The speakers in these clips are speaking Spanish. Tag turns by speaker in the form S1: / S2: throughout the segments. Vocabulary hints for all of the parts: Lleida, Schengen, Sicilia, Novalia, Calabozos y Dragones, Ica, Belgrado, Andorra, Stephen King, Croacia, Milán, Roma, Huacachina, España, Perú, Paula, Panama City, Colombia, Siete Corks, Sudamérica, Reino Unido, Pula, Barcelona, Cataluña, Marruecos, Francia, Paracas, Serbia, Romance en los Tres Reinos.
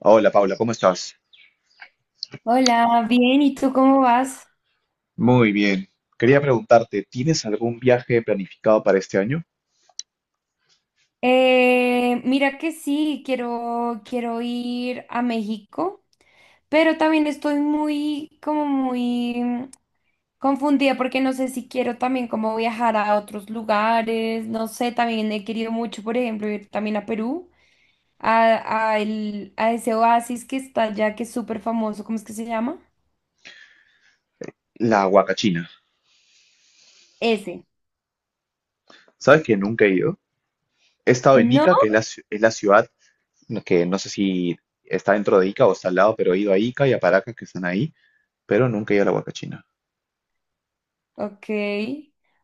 S1: Hola Paula, ¿cómo estás?
S2: Hola, bien, ¿y tú cómo vas?
S1: Muy bien. Quería preguntarte, ¿tienes algún viaje planificado para este año?
S2: Mira que sí, quiero ir a México, pero también estoy muy, como muy confundida porque no sé si quiero también como viajar a otros lugares, no sé, también he querido mucho, por ejemplo, ir también a Perú, a ese oasis que está allá, que es súper famoso, ¿cómo es que se llama?
S1: La Huacachina.
S2: Ese.
S1: ¿Sabes que nunca he ido? He estado en
S2: No.
S1: Ica, que es la ciudad que no sé si está dentro de Ica o está al lado, pero he ido a Ica y a Paracas que están ahí, pero nunca he ido a la Huacachina.
S2: Ok.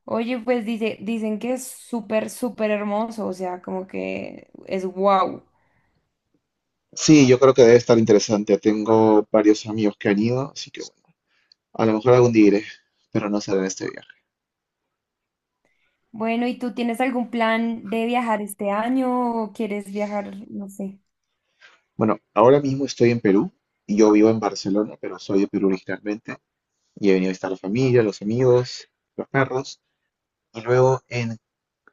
S2: Oye, pues dicen que es súper, súper hermoso, o sea, como que es wow.
S1: Sí, yo creo que debe estar interesante. Tengo varios amigos que han ido, así que bueno, a lo mejor algún día iré, pero no será en este viaje.
S2: Bueno, ¿y tú tienes algún plan de viajar este año o quieres viajar, no sé?
S1: Bueno, ahora mismo estoy en Perú y yo vivo en Barcelona, pero soy de Perú originalmente. Y he venido a visitar la familia, los amigos, los perros. Y luego en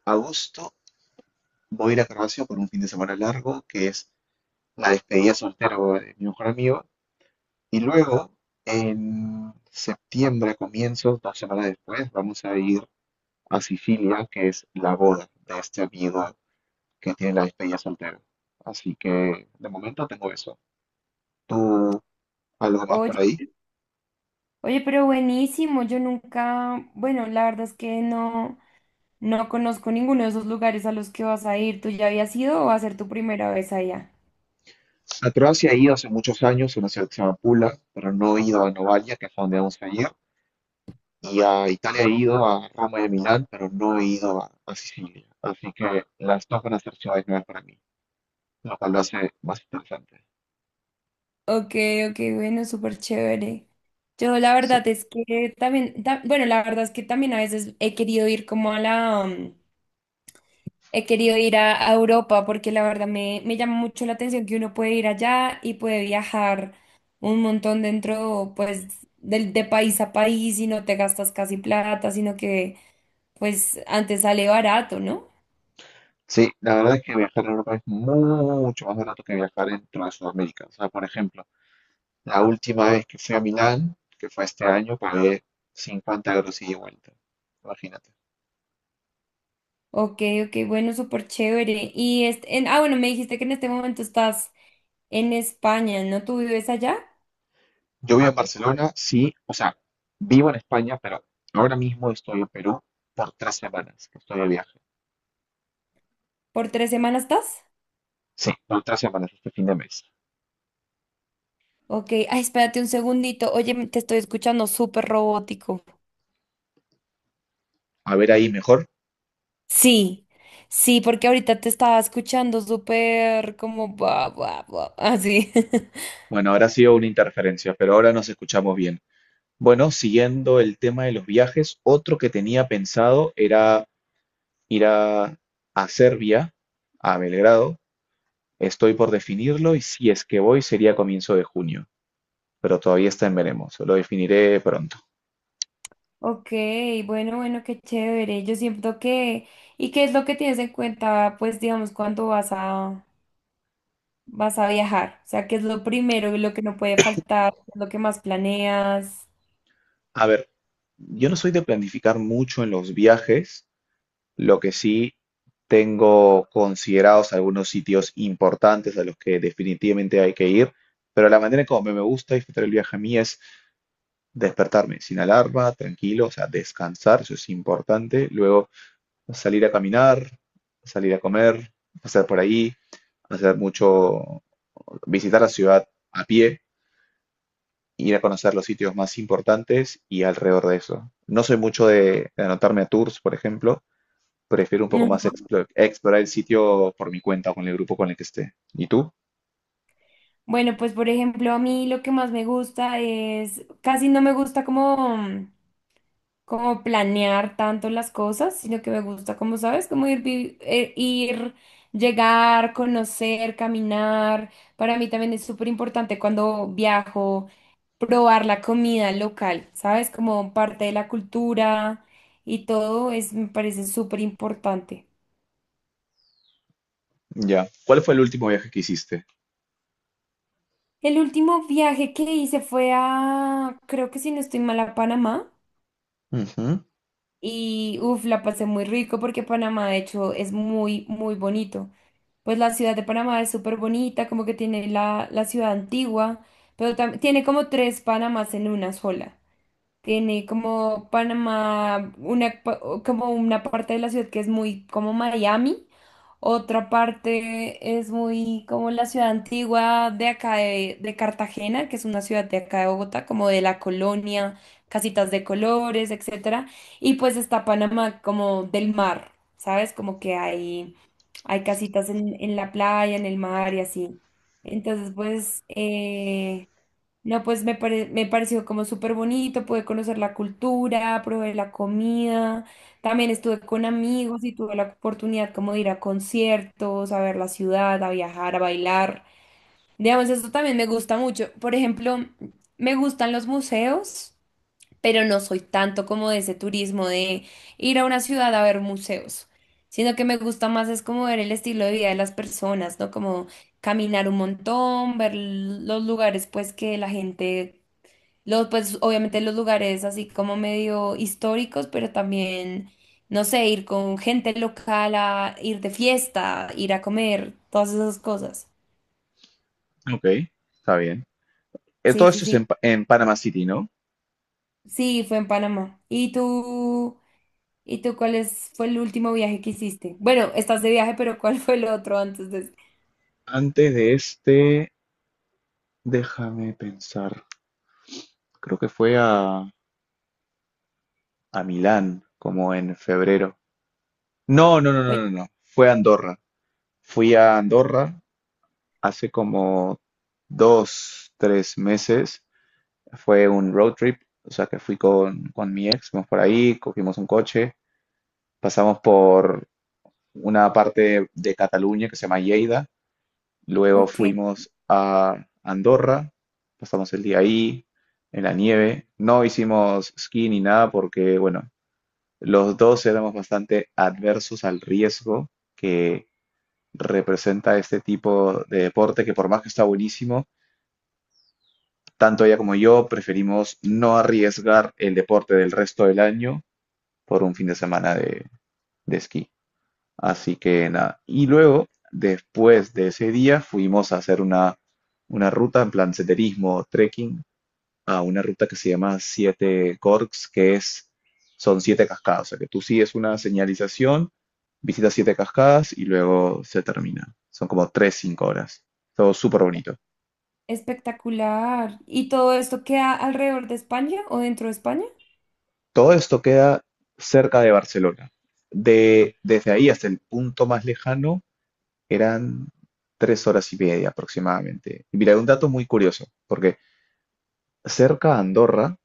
S1: agosto voy a ir a Croacia por un fin de semana largo, que es la despedida soltero de mi mejor amigo. Y luego en septiembre, a comienzos, 2 semanas después, vamos a ir a Sicilia, que es la boda de este amigo que tiene la despedida soltero. Así que de momento tengo eso. ¿Tú algo más
S2: Oye,
S1: por ahí?
S2: oye, pero buenísimo, yo nunca, bueno, la verdad es que no conozco ninguno de esos lugares a los que vas a ir. ¿Tú ya habías ido o va a ser tu primera vez allá?
S1: A Croacia he ido hace muchos años, a una ciudad que se llama Pula, pero no he ido a Novalia, que es a donde vamos a ir. Y a Italia he ido, a Roma y a Milán, pero no he ido a Sicilia. Así que las dos van a ser ciudades nuevas para mí, lo cual lo hace más interesante.
S2: Ok, ok, bueno, súper chévere. Yo la
S1: Sí,
S2: verdad es que también, bueno, la verdad es que también a veces he querido ir como a la, he querido ir a Europa porque la verdad me llama mucho la atención que uno puede ir allá y puede viajar un montón dentro, pues, del de país a país y no te gastas casi plata, sino que, pues, antes sale barato, ¿no?
S1: sí, la verdad es que viajar a Europa es mucho más barato que viajar dentro de Sudamérica. O sea, por ejemplo, la última vez que fui a Milán, que fue este año, pagué 50 euros ida y vuelta. Imagínate.
S2: Ok, ok, bueno, súper chévere. Y, este, bueno, me dijiste que en este momento estás en España, ¿no? ¿Tú vives allá?
S1: Yo vivo en Barcelona, sí, o sea, vivo en España, pero ahora mismo estoy en Perú por 3 semanas que estoy de viaje.
S2: ¿Por tres semanas estás?
S1: Sí, por 3 semanas este fin de mes.
S2: Ok, ay, espérate un segundito. Oye, te estoy escuchando súper robótico.
S1: A ver ahí mejor.
S2: Sí, sí, porque ahorita te estaba escuchando súper como buah, buah, buah, así.
S1: Bueno, ahora ha sido una interferencia, pero ahora nos escuchamos bien. Bueno, siguiendo el tema de los viajes, otro que tenía pensado era ir a Serbia, a Belgrado. Estoy por definirlo y si es que voy sería a comienzo de junio, pero todavía está en veremos, lo definiré pronto.
S2: Ok, bueno, bueno, qué chévere. Yo siento que, ¿y qué es lo que tienes en cuenta, pues, digamos, cuando vas a viajar? O sea, ¿qué es lo primero y lo que no puede faltar? ¿Qué es lo que más planeas?
S1: A ver, yo no soy de planificar mucho en los viajes. Lo que sí, tengo considerados algunos sitios importantes a los que definitivamente hay que ir, pero la manera como me gusta disfrutar el viaje a mí es despertarme sin alarma, tranquilo, o sea, descansar, eso es importante. Luego salir a caminar, salir a comer, pasar por ahí, hacer mucho, visitar la ciudad a pie, ir a conocer los sitios más importantes y alrededor de eso. No soy mucho de anotarme a tours, por ejemplo, prefiero un poco más explorar el sitio por mi cuenta o con el grupo con el que esté. ¿Y tú?
S2: Bueno, pues por ejemplo, a mí lo que más me gusta es, casi no me gusta como, como planear tanto las cosas, sino que me gusta, como sabes, como ir, llegar, conocer, caminar. Para mí también es súper importante cuando viajo, probar la comida local, ¿sabes? Como parte de la cultura y todo, es, me parece súper importante.
S1: Ya. ¿Cuál fue el último viaje que hiciste?
S2: El último viaje que hice fue a, creo que si no estoy mal, a Panamá.
S1: Ujú.
S2: Y uff, la pasé muy rico porque Panamá, de hecho, es muy, muy bonito. Pues la ciudad de Panamá es súper bonita, como que tiene la ciudad antigua, pero tiene como tres Panamás en una sola. Tiene como Panamá, o como una parte de la ciudad que es muy como Miami, otra parte es muy como la ciudad antigua de acá de Cartagena, que es una ciudad de acá de Bogotá, como de la colonia, casitas de colores, etcétera. Y pues está Panamá como del mar, ¿sabes? Como que hay casitas en la playa, en el mar y así. Entonces, no, pues me pareció como súper bonito, pude conocer la cultura, probé la comida, también estuve con amigos y tuve la oportunidad como de ir a conciertos, a ver la ciudad, a viajar, a bailar. Digamos, eso también me gusta mucho. Por ejemplo, me gustan los museos, pero no soy tanto como de ese turismo de ir a una ciudad a ver museos, sino que me gusta más es como ver el estilo de vida de las personas, ¿no? Como caminar un montón, ver los lugares pues que la gente los, pues obviamente los lugares así como medio históricos, pero también, no sé, ir con gente local a ir de fiesta, ir a comer, todas esas cosas.
S1: Ok, está bien. Todo
S2: Sí, sí,
S1: esto es
S2: sí.
S1: en Panama City, ¿no?
S2: Sí, fue en Panamá. ¿Y tú? ¿Y tú fue el último viaje que hiciste? Bueno, estás de viaje, pero ¿cuál fue el otro antes de ese?
S1: Antes de este, déjame pensar. Creo que fue a Milán, como en febrero. No, no, no, no,
S2: Oye,
S1: no, no. Fue a Andorra. Fui a Andorra hace como 2, 3 meses. Fue un road trip, o sea que fui con mi ex, fuimos por ahí, cogimos un coche, pasamos por una parte de Cataluña que se llama Lleida, luego
S2: ok,
S1: fuimos a Andorra, pasamos el día ahí, en la nieve, no hicimos ski ni nada porque, bueno, los dos éramos bastante adversos al riesgo que representa este tipo de deporte, que por más que está buenísimo, tanto ella como yo preferimos no arriesgar el deporte del resto del año por un fin de semana de esquí. Así que nada. Y luego, después de ese día, fuimos a hacer una ruta en plan senderismo, trekking, a una ruta que se llama Siete Corks, son siete cascadas. O sea, que tú sigues una señalización, visitas siete cascadas y luego se termina. Son como 3, 5 horas. Todo súper bonito.
S2: espectacular. ¿Y todo esto queda alrededor de España o dentro de España?
S1: Todo esto queda cerca de Barcelona. Desde ahí hasta el punto más lejano. Eran 3 horas y media aproximadamente. Y mira, un dato muy curioso, porque cerca a Andorra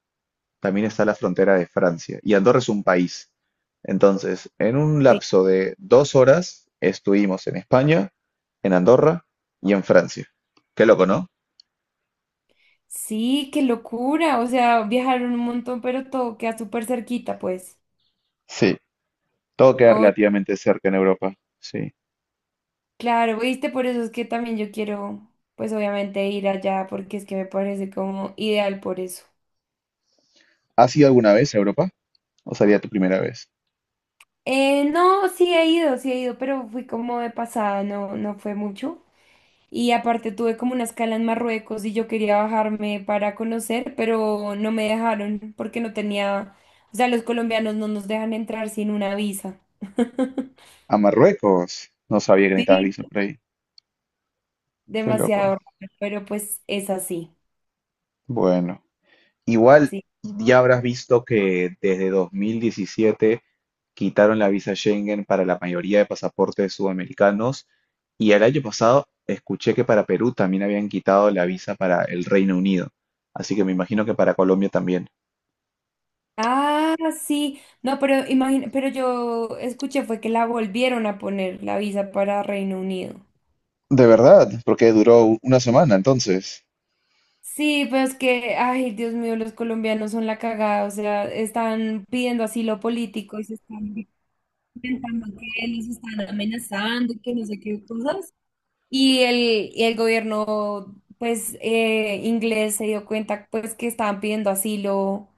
S1: también está la frontera de Francia, y Andorra es un país. Entonces, en un lapso de 2 horas estuvimos en España, en Andorra y en Francia. Qué loco, ¿no?
S2: Sí, qué locura. O sea, viajaron un montón, pero todo queda súper cerquita, pues.
S1: Sí, todo queda
S2: Oh,
S1: relativamente cerca en Europa. Sí.
S2: claro, viste, por eso es que también yo quiero, pues obviamente ir allá, porque es que me parece como ideal por eso.
S1: ¿Has ido alguna vez a Europa? ¿O sería tu primera vez?
S2: No, sí he ido, pero fui como de pasada, no, no fue mucho. Y aparte tuve como una escala en Marruecos y yo quería bajarme para conocer, pero no me dejaron porque no tenía, o sea, los colombianos no nos dejan entrar sin una visa.
S1: A Marruecos. No sabía que necesitabas visa
S2: Sí.
S1: por ahí. Qué
S2: Demasiado
S1: loco.
S2: raro, pero pues es así,
S1: Bueno. Igual
S2: sí.
S1: ya habrás visto que desde 2017 quitaron la visa Schengen para la mayoría de pasaportes sudamericanos y el año pasado escuché que para Perú también habían quitado la visa para el Reino Unido. Así que me imagino que para Colombia también.
S2: Ah, sí, no, pero imagina, pero yo escuché fue que la volvieron a poner la visa para Reino Unido.
S1: De verdad, porque duró una semana entonces.
S2: Sí, pero es que, ay, Dios mío, los colombianos son la cagada, o sea, están pidiendo asilo político y se están inventando que los están amenazando, que no sé qué cosas. Y el, y el gobierno, pues, inglés se dio cuenta, pues, que estaban pidiendo asilo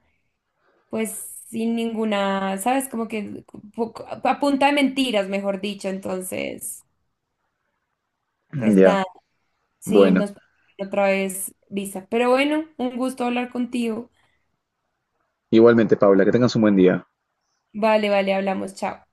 S2: pues sin ninguna, ¿sabes? Como que a punta de mentiras, mejor dicho. Entonces, pues
S1: Ya,
S2: nada, sí,
S1: bueno.
S2: nos otra vez visa. Pero bueno, un gusto hablar contigo.
S1: Igualmente, Paula, que tengas un buen día.
S2: Vale, vale, hablamos, chao.